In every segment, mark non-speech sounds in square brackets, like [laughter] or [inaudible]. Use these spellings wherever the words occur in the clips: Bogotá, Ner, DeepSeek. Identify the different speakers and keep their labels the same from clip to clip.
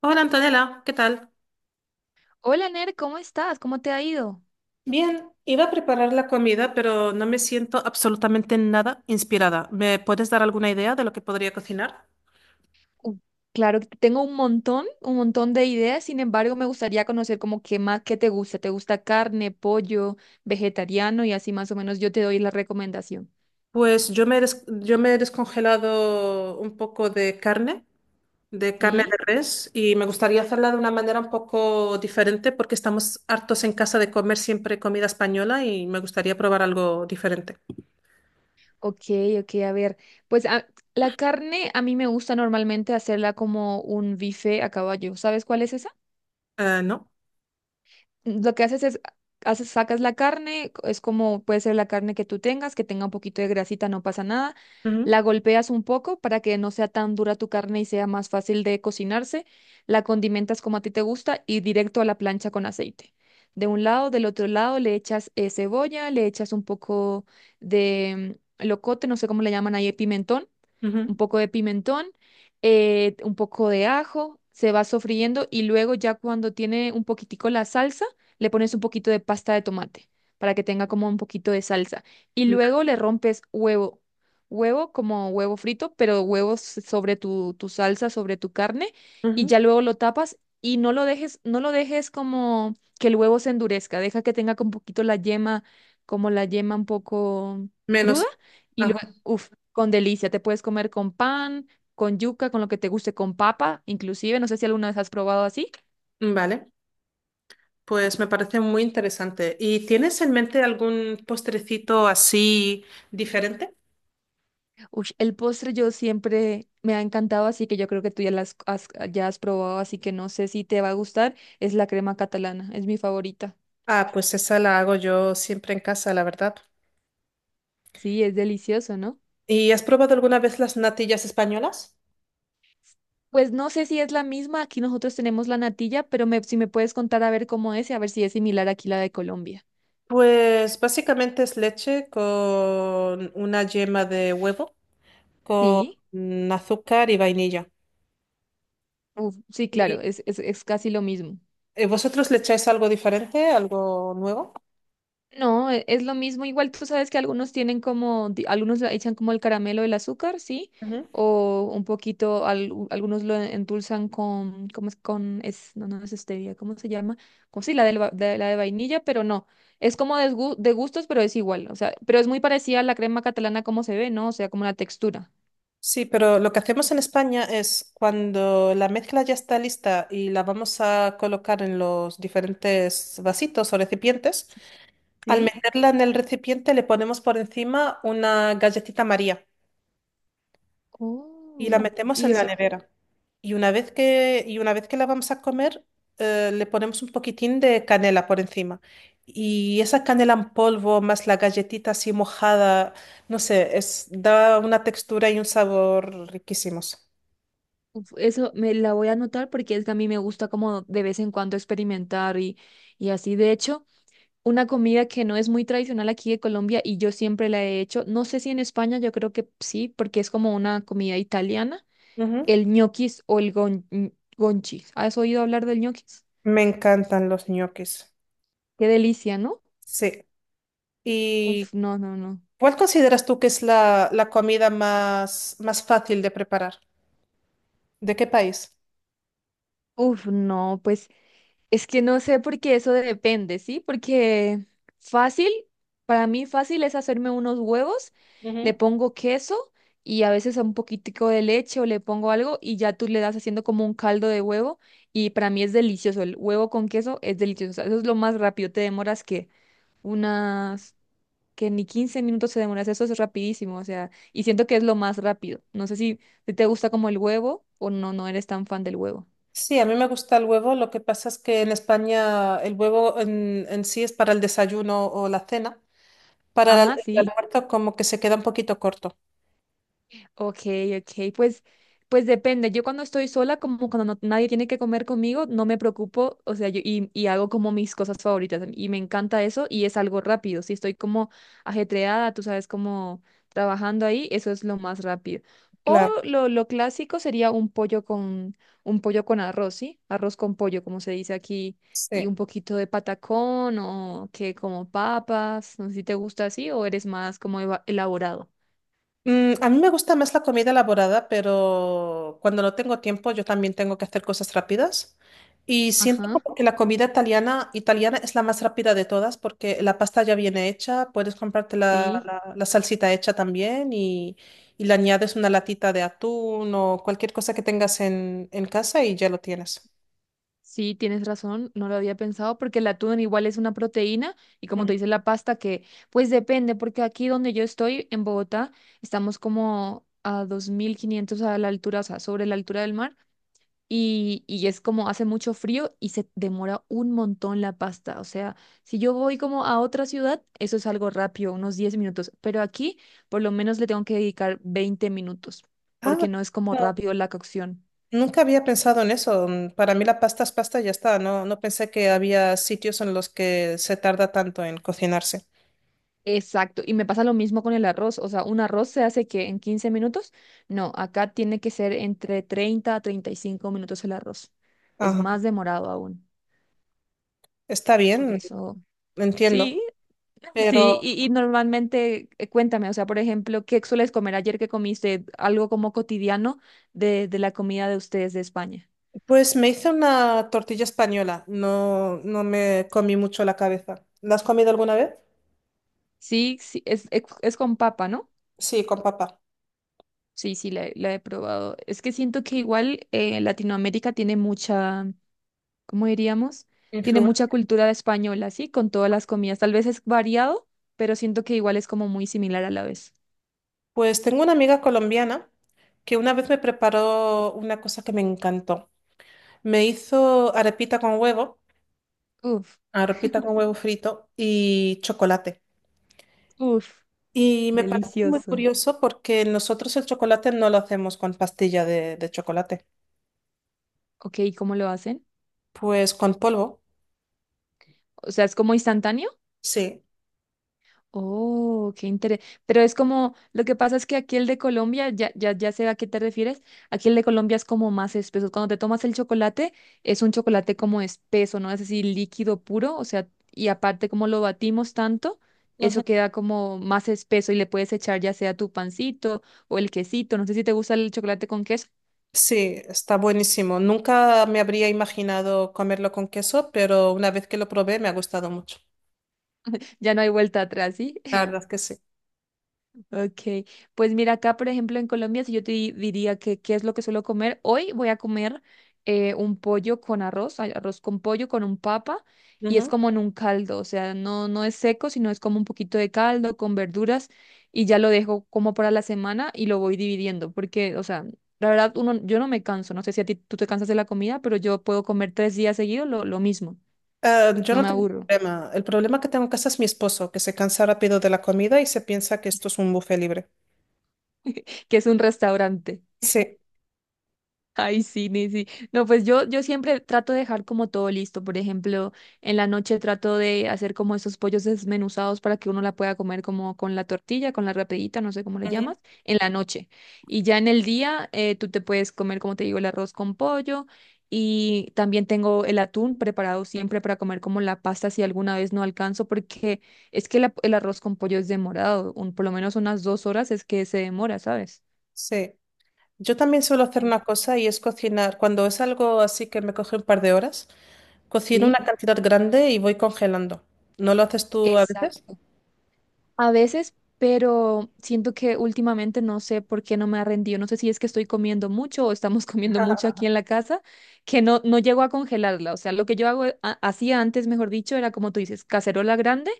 Speaker 1: Hola Antonella, ¿qué tal?
Speaker 2: Hola Ner, ¿cómo estás? ¿Cómo te ha ido?
Speaker 1: Bien, iba a preparar la comida, pero no me siento absolutamente nada inspirada. ¿Me puedes dar alguna idea de lo que podría cocinar?
Speaker 2: Uh, claro que tengo un montón de ideas. Sin embargo, me gustaría conocer como qué más, qué te gusta. ¿Te gusta carne, pollo, vegetariano? Y así más o menos yo te doy la recomendación.
Speaker 1: Pues yo me he descongelado un poco de carne, de carne de
Speaker 2: ¿Sí?
Speaker 1: res, y me gustaría hacerla de una manera un poco diferente porque estamos hartos en casa de comer siempre comida española y me gustaría probar algo diferente.
Speaker 2: Ok, ok, a ver. Pues a- la carne a mí me gusta normalmente hacerla como un bife a caballo. ¿Sabes cuál es esa?
Speaker 1: ¿No?
Speaker 2: Lo que haces es, sacas la carne. Es como puede ser la carne que tú tengas, que tenga un poquito de grasita, no pasa nada.
Speaker 1: Ujú,
Speaker 2: La golpeas un poco para que no sea tan dura tu carne y sea más fácil de cocinarse. La condimentas como a ti te gusta y directo a la plancha con aceite. De un lado, del otro lado le echas cebolla, le echas un poco de locote, no sé cómo le llaman ahí, pimentón, un
Speaker 1: ujú,
Speaker 2: poco de pimentón, un poco de ajo. Se va sofriendo y luego ya cuando tiene un poquitico la salsa, le pones un poquito de pasta de tomate para que tenga como un poquito de salsa. Y luego le rompes huevo, como huevo frito, pero huevos sobre tu salsa, sobre tu carne, y
Speaker 1: ujú.
Speaker 2: ya luego lo tapas y no lo dejes como que el huevo se endurezca. Deja que tenga un poquito la yema, como la yema un poco
Speaker 1: Menos.
Speaker 2: cruda. Y
Speaker 1: Ajá,
Speaker 2: luego, con delicia, te puedes comer con pan, con yuca, con lo que te guste, con papa, inclusive. No sé si alguna vez has probado así.
Speaker 1: vale. Pues me parece muy interesante. ¿Y tienes en mente algún postrecito así diferente?
Speaker 2: Ush, el postre yo siempre me ha encantado, así que yo creo que tú ya las has, ya has probado, así que no sé si te va a gustar. Es la crema catalana, es mi favorita.
Speaker 1: Ah, pues esa la hago yo siempre en casa, la verdad.
Speaker 2: Sí, es delicioso, ¿no?
Speaker 1: ¿Y has probado alguna vez las natillas españolas?
Speaker 2: Pues no sé si es la misma. Aquí nosotros tenemos la natilla, pero si me puedes contar a ver cómo es y a ver si es similar aquí la de Colombia.
Speaker 1: Pues básicamente es leche con una yema de huevo,
Speaker 2: Sí.
Speaker 1: con azúcar y vainilla.
Speaker 2: Uf, sí,
Speaker 1: ¿Y
Speaker 2: claro, es casi lo mismo.
Speaker 1: vosotros le echáis algo diferente, algo nuevo?
Speaker 2: No, es lo mismo. Igual tú sabes que algunos tienen como, algunos le echan como el caramelo, el azúcar, ¿sí? O un poquito, algunos lo endulzan con, ¿cómo es? No, no es stevia, ¿cómo se llama? Como si la de vainilla, pero no. Es como de gustos, pero es igual. O sea, pero es muy parecida a la crema catalana como se ve, ¿no? O sea, como la textura,
Speaker 1: Sí, pero lo que hacemos en España es cuando la mezcla ya está lista y la vamos a colocar en los diferentes vasitos o recipientes, al
Speaker 2: ¿sí?
Speaker 1: meterla en el recipiente le ponemos por encima una galletita María y la
Speaker 2: Oh,
Speaker 1: metemos
Speaker 2: y
Speaker 1: en la
Speaker 2: eso,
Speaker 1: nevera. Y una vez que la vamos a comer, le ponemos un poquitín de canela por encima. Y esa canela en polvo más la galletita así mojada, no sé, es, da una textura y un sabor riquísimos.
Speaker 2: uf, eso me la voy a anotar porque es que a mí me gusta como de vez en cuando experimentar y así. De hecho, una comida que no es muy tradicional aquí de Colombia y yo siempre la he hecho. No sé si en España, yo creo que sí, porque es como una comida italiana,
Speaker 1: Ujú.
Speaker 2: el ñoquis o gonchis. ¿Has oído hablar del ñoquis?
Speaker 1: Me encantan los ñoquis.
Speaker 2: Qué delicia, ¿no?
Speaker 1: Sí. ¿Y
Speaker 2: Uf, no, no, no.
Speaker 1: cuál consideras tú que es la comida más fácil de preparar? ¿De qué país?
Speaker 2: Uf, no, pues es que no sé por qué, eso depende, ¿sí? Porque fácil, para mí fácil es hacerme unos huevos, le
Speaker 1: Ujú.
Speaker 2: pongo queso y a veces un poquitico de leche, o le pongo algo y ya tú le das haciendo como un caldo de huevo, y para mí es delicioso. El huevo con queso es delicioso, o sea, eso es lo más rápido. Te demoras que unas, que ni 15 minutos te demoras, eso es rapidísimo, o sea, y siento que es lo más rápido. No sé si te gusta como el huevo o no, no eres tan fan del huevo.
Speaker 1: Sí, a mí me gusta el huevo. Lo que pasa es que en España el huevo en sí es para el desayuno o la cena. Para
Speaker 2: Ajá,
Speaker 1: el
Speaker 2: sí.
Speaker 1: almuerzo como que se queda un poquito corto.
Speaker 2: Ok, ok, pues depende. Yo cuando estoy sola, como cuando nadie tiene que comer conmigo, no me preocupo. O sea, yo y hago como mis cosas favoritas, y me encanta eso y es algo rápido. Si estoy como ajetreada, tú sabes, como trabajando ahí, eso es lo más rápido. O
Speaker 1: Claro.
Speaker 2: lo clásico sería un pollo con arroz, ¿sí? Arroz con pollo, como se dice aquí, y
Speaker 1: Sí.
Speaker 2: un poquito de patacón o que como papas. No sé si te gusta así o eres más como elaborado.
Speaker 1: Mm, a mí me gusta más la comida elaborada, pero cuando no tengo tiempo yo también tengo que hacer cosas rápidas. Y siento
Speaker 2: Ajá,
Speaker 1: como que la comida italiana es la más rápida de todas porque la pasta ya viene hecha, puedes comprarte
Speaker 2: sí.
Speaker 1: la salsita hecha también y le añades una latita de atún o cualquier cosa que tengas en casa y ya lo tienes.
Speaker 2: Sí, tienes razón, no lo había pensado porque el atún igual es una proteína y como
Speaker 1: Mm.
Speaker 2: te dice la pasta que, pues depende, porque aquí donde yo estoy en Bogotá estamos como a 2.500 a la altura, o sea, sobre la altura del mar, y es como hace mucho frío y se demora un montón la pasta. O sea, si yo voy como a otra ciudad, eso es algo rápido, unos 10 minutos, pero aquí por lo menos le tengo que dedicar 20 minutos
Speaker 1: Ah,
Speaker 2: porque no es como
Speaker 1: no,
Speaker 2: rápido la cocción.
Speaker 1: nunca había pensado en eso. Mm, para mí la pasta es pasta y ya está. No, no pensé que había sitios en los que se tarda tanto en cocinarse.
Speaker 2: Exacto, y me pasa lo mismo con el arroz. O sea, un arroz se hace que en 15 minutos, no, acá tiene que ser entre 30 a 35 minutos el arroz, es
Speaker 1: Ajá,
Speaker 2: más demorado aún,
Speaker 1: está
Speaker 2: por
Speaker 1: bien,
Speaker 2: eso,
Speaker 1: entiendo.
Speaker 2: sí, [laughs] sí.
Speaker 1: Pero
Speaker 2: Y normalmente, cuéntame, o sea, por ejemplo, ¿qué sueles comer? Ayer que comiste, algo como cotidiano de la comida de ustedes de España.
Speaker 1: pues me hice una tortilla española, no, no me comí mucho la cabeza. ¿La has comido alguna vez?
Speaker 2: Sí, sí, es con papa, ¿no?
Speaker 1: Sí, con papa.
Speaker 2: Sí, sí, la he probado. Es que siento que igual Latinoamérica tiene mucha... ¿cómo diríamos? Tiene
Speaker 1: Influ-
Speaker 2: mucha cultura española, ¿sí? Con todas las comidas. Tal vez es variado, pero siento que igual es como muy similar a la vez.
Speaker 1: Pues tengo una amiga colombiana que una vez me preparó una cosa que me encantó. Me hizo
Speaker 2: Uf,
Speaker 1: arepita con huevo frito y chocolate.
Speaker 2: uf,
Speaker 1: Y me parece muy
Speaker 2: delicioso.
Speaker 1: curioso porque nosotros el chocolate no lo hacemos con pastilla de chocolate,
Speaker 2: Ok, ¿cómo lo hacen?
Speaker 1: pues con polvo,
Speaker 2: O sea, ¿es como instantáneo?
Speaker 1: sí.
Speaker 2: Oh, qué interesante. Pero es como, lo que pasa es que aquí el de Colombia, ya sé a qué te refieres. Aquí el de Colombia es como más espeso. Cuando te tomas el chocolate, es un chocolate como espeso, ¿no? Es así, líquido puro, o sea, y aparte como lo batimos tanto, eso queda como más espeso y le puedes echar ya sea tu pancito o el quesito. No sé si te gusta el chocolate con queso,
Speaker 1: Sí, está buenísimo. Nunca me habría imaginado comerlo con queso, pero una vez que lo probé me ha gustado mucho.
Speaker 2: ya no hay vuelta atrás, ¿sí?
Speaker 1: La verdad que sí.
Speaker 2: Ok, pues mira, acá por ejemplo en Colombia, si yo te diría que qué es lo que suelo comer, hoy voy a comer un pollo con arroz, ay, arroz con pollo, con un papa, y es
Speaker 1: Ujú.
Speaker 2: como en un caldo. O sea, no, no es seco, sino es como un poquito de caldo con verduras, y ya lo dejo como para la semana y lo voy dividiendo, porque, o sea, la verdad, uno, yo no me canso, no sé si a ti tú te cansas de la comida, pero yo puedo comer tres días seguidos lo mismo,
Speaker 1: Ah, yo
Speaker 2: no
Speaker 1: no
Speaker 2: me
Speaker 1: tengo
Speaker 2: aburro.
Speaker 1: problema. El problema que tengo en casa es mi esposo, que se cansa rápido de la comida y se piensa que esto es un buffet libre.
Speaker 2: [laughs] Que es un restaurante.
Speaker 1: Sí.
Speaker 2: Ay, sí, ni sí. No, pues yo siempre trato de dejar como todo listo. Por ejemplo, en la noche trato de hacer como esos pollos desmenuzados para que uno la pueda comer como con la tortilla, con la rapidita, no sé cómo le
Speaker 1: Ujú.
Speaker 2: llamas, en la noche. Y ya en el día, tú te puedes comer, como te digo, el arroz con pollo. Y también tengo el atún preparado siempre para comer como la pasta si alguna vez no alcanzo, porque es que el arroz con pollo es demorado, por lo menos unas 2 horas es que se demora, ¿sabes?
Speaker 1: Sí. Yo también suelo hacer una cosa y es cocinar. Cuando es algo así que me coge un par de horas, cocino
Speaker 2: Sí,
Speaker 1: una cantidad grande y voy congelando. ¿No lo haces tú a veces?
Speaker 2: exacto. A veces, pero siento que últimamente no sé por qué no me ha rendido. No sé si es que estoy comiendo mucho o estamos [laughs] comiendo mucho aquí en la casa, que no, no llego a congelarla. O sea, lo que yo hago, hacía antes, mejor dicho, era como tú dices, cacerola grande,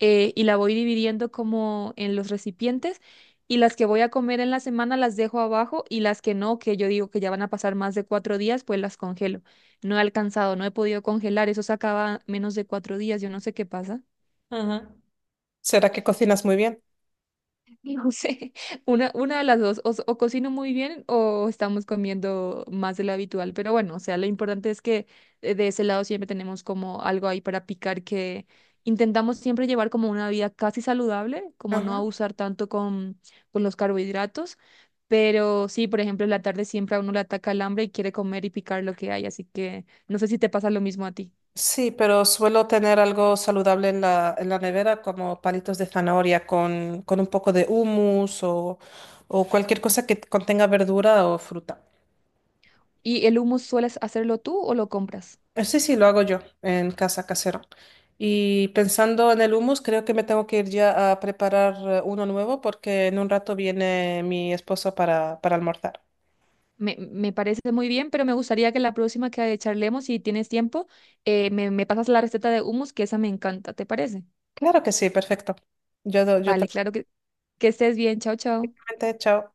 Speaker 2: y la voy dividiendo como en los recipientes, y las que voy a comer en la semana las dejo abajo, y las que no, que yo digo que ya van a pasar más de 4 días, pues las congelo. No he alcanzado, no he podido congelar. Eso se acaba menos de 4 días. Yo no sé qué pasa.
Speaker 1: Ujú. ¿Será que cocinas muy bien?
Speaker 2: No sé, [laughs] una de las dos, o cocino muy bien o estamos comiendo más de lo habitual, pero bueno, o sea, lo importante es que de ese lado siempre tenemos como algo ahí para picar, que intentamos siempre llevar como una vida casi saludable, como no
Speaker 1: Ajá.
Speaker 2: abusar tanto con los carbohidratos, pero sí, por ejemplo, en la tarde siempre a uno le ataca el hambre y quiere comer y picar lo que hay, así que no sé si te pasa lo mismo a ti.
Speaker 1: Sí, pero suelo tener algo saludable en en la nevera, como palitos de zanahoria con un poco de hummus o cualquier cosa que contenga verdura o fruta.
Speaker 2: ¿Y el hummus sueles hacerlo tú o lo compras?
Speaker 1: Sí, sí, lo hago yo en casa casera. Y pensando en el hummus, creo que me tengo que ir ya a preparar uno nuevo porque en un rato viene mi esposo para almorzar.
Speaker 2: Me parece muy bien, pero me gustaría que la próxima que charlemos, si tienes tiempo, me pasas la receta de hummus, que esa me encanta, ¿te parece?
Speaker 1: Claro que sí, perfecto. Yo te
Speaker 2: Vale,
Speaker 1: lo
Speaker 2: claro que estés bien. Chao, chao.
Speaker 1: comenté, chao.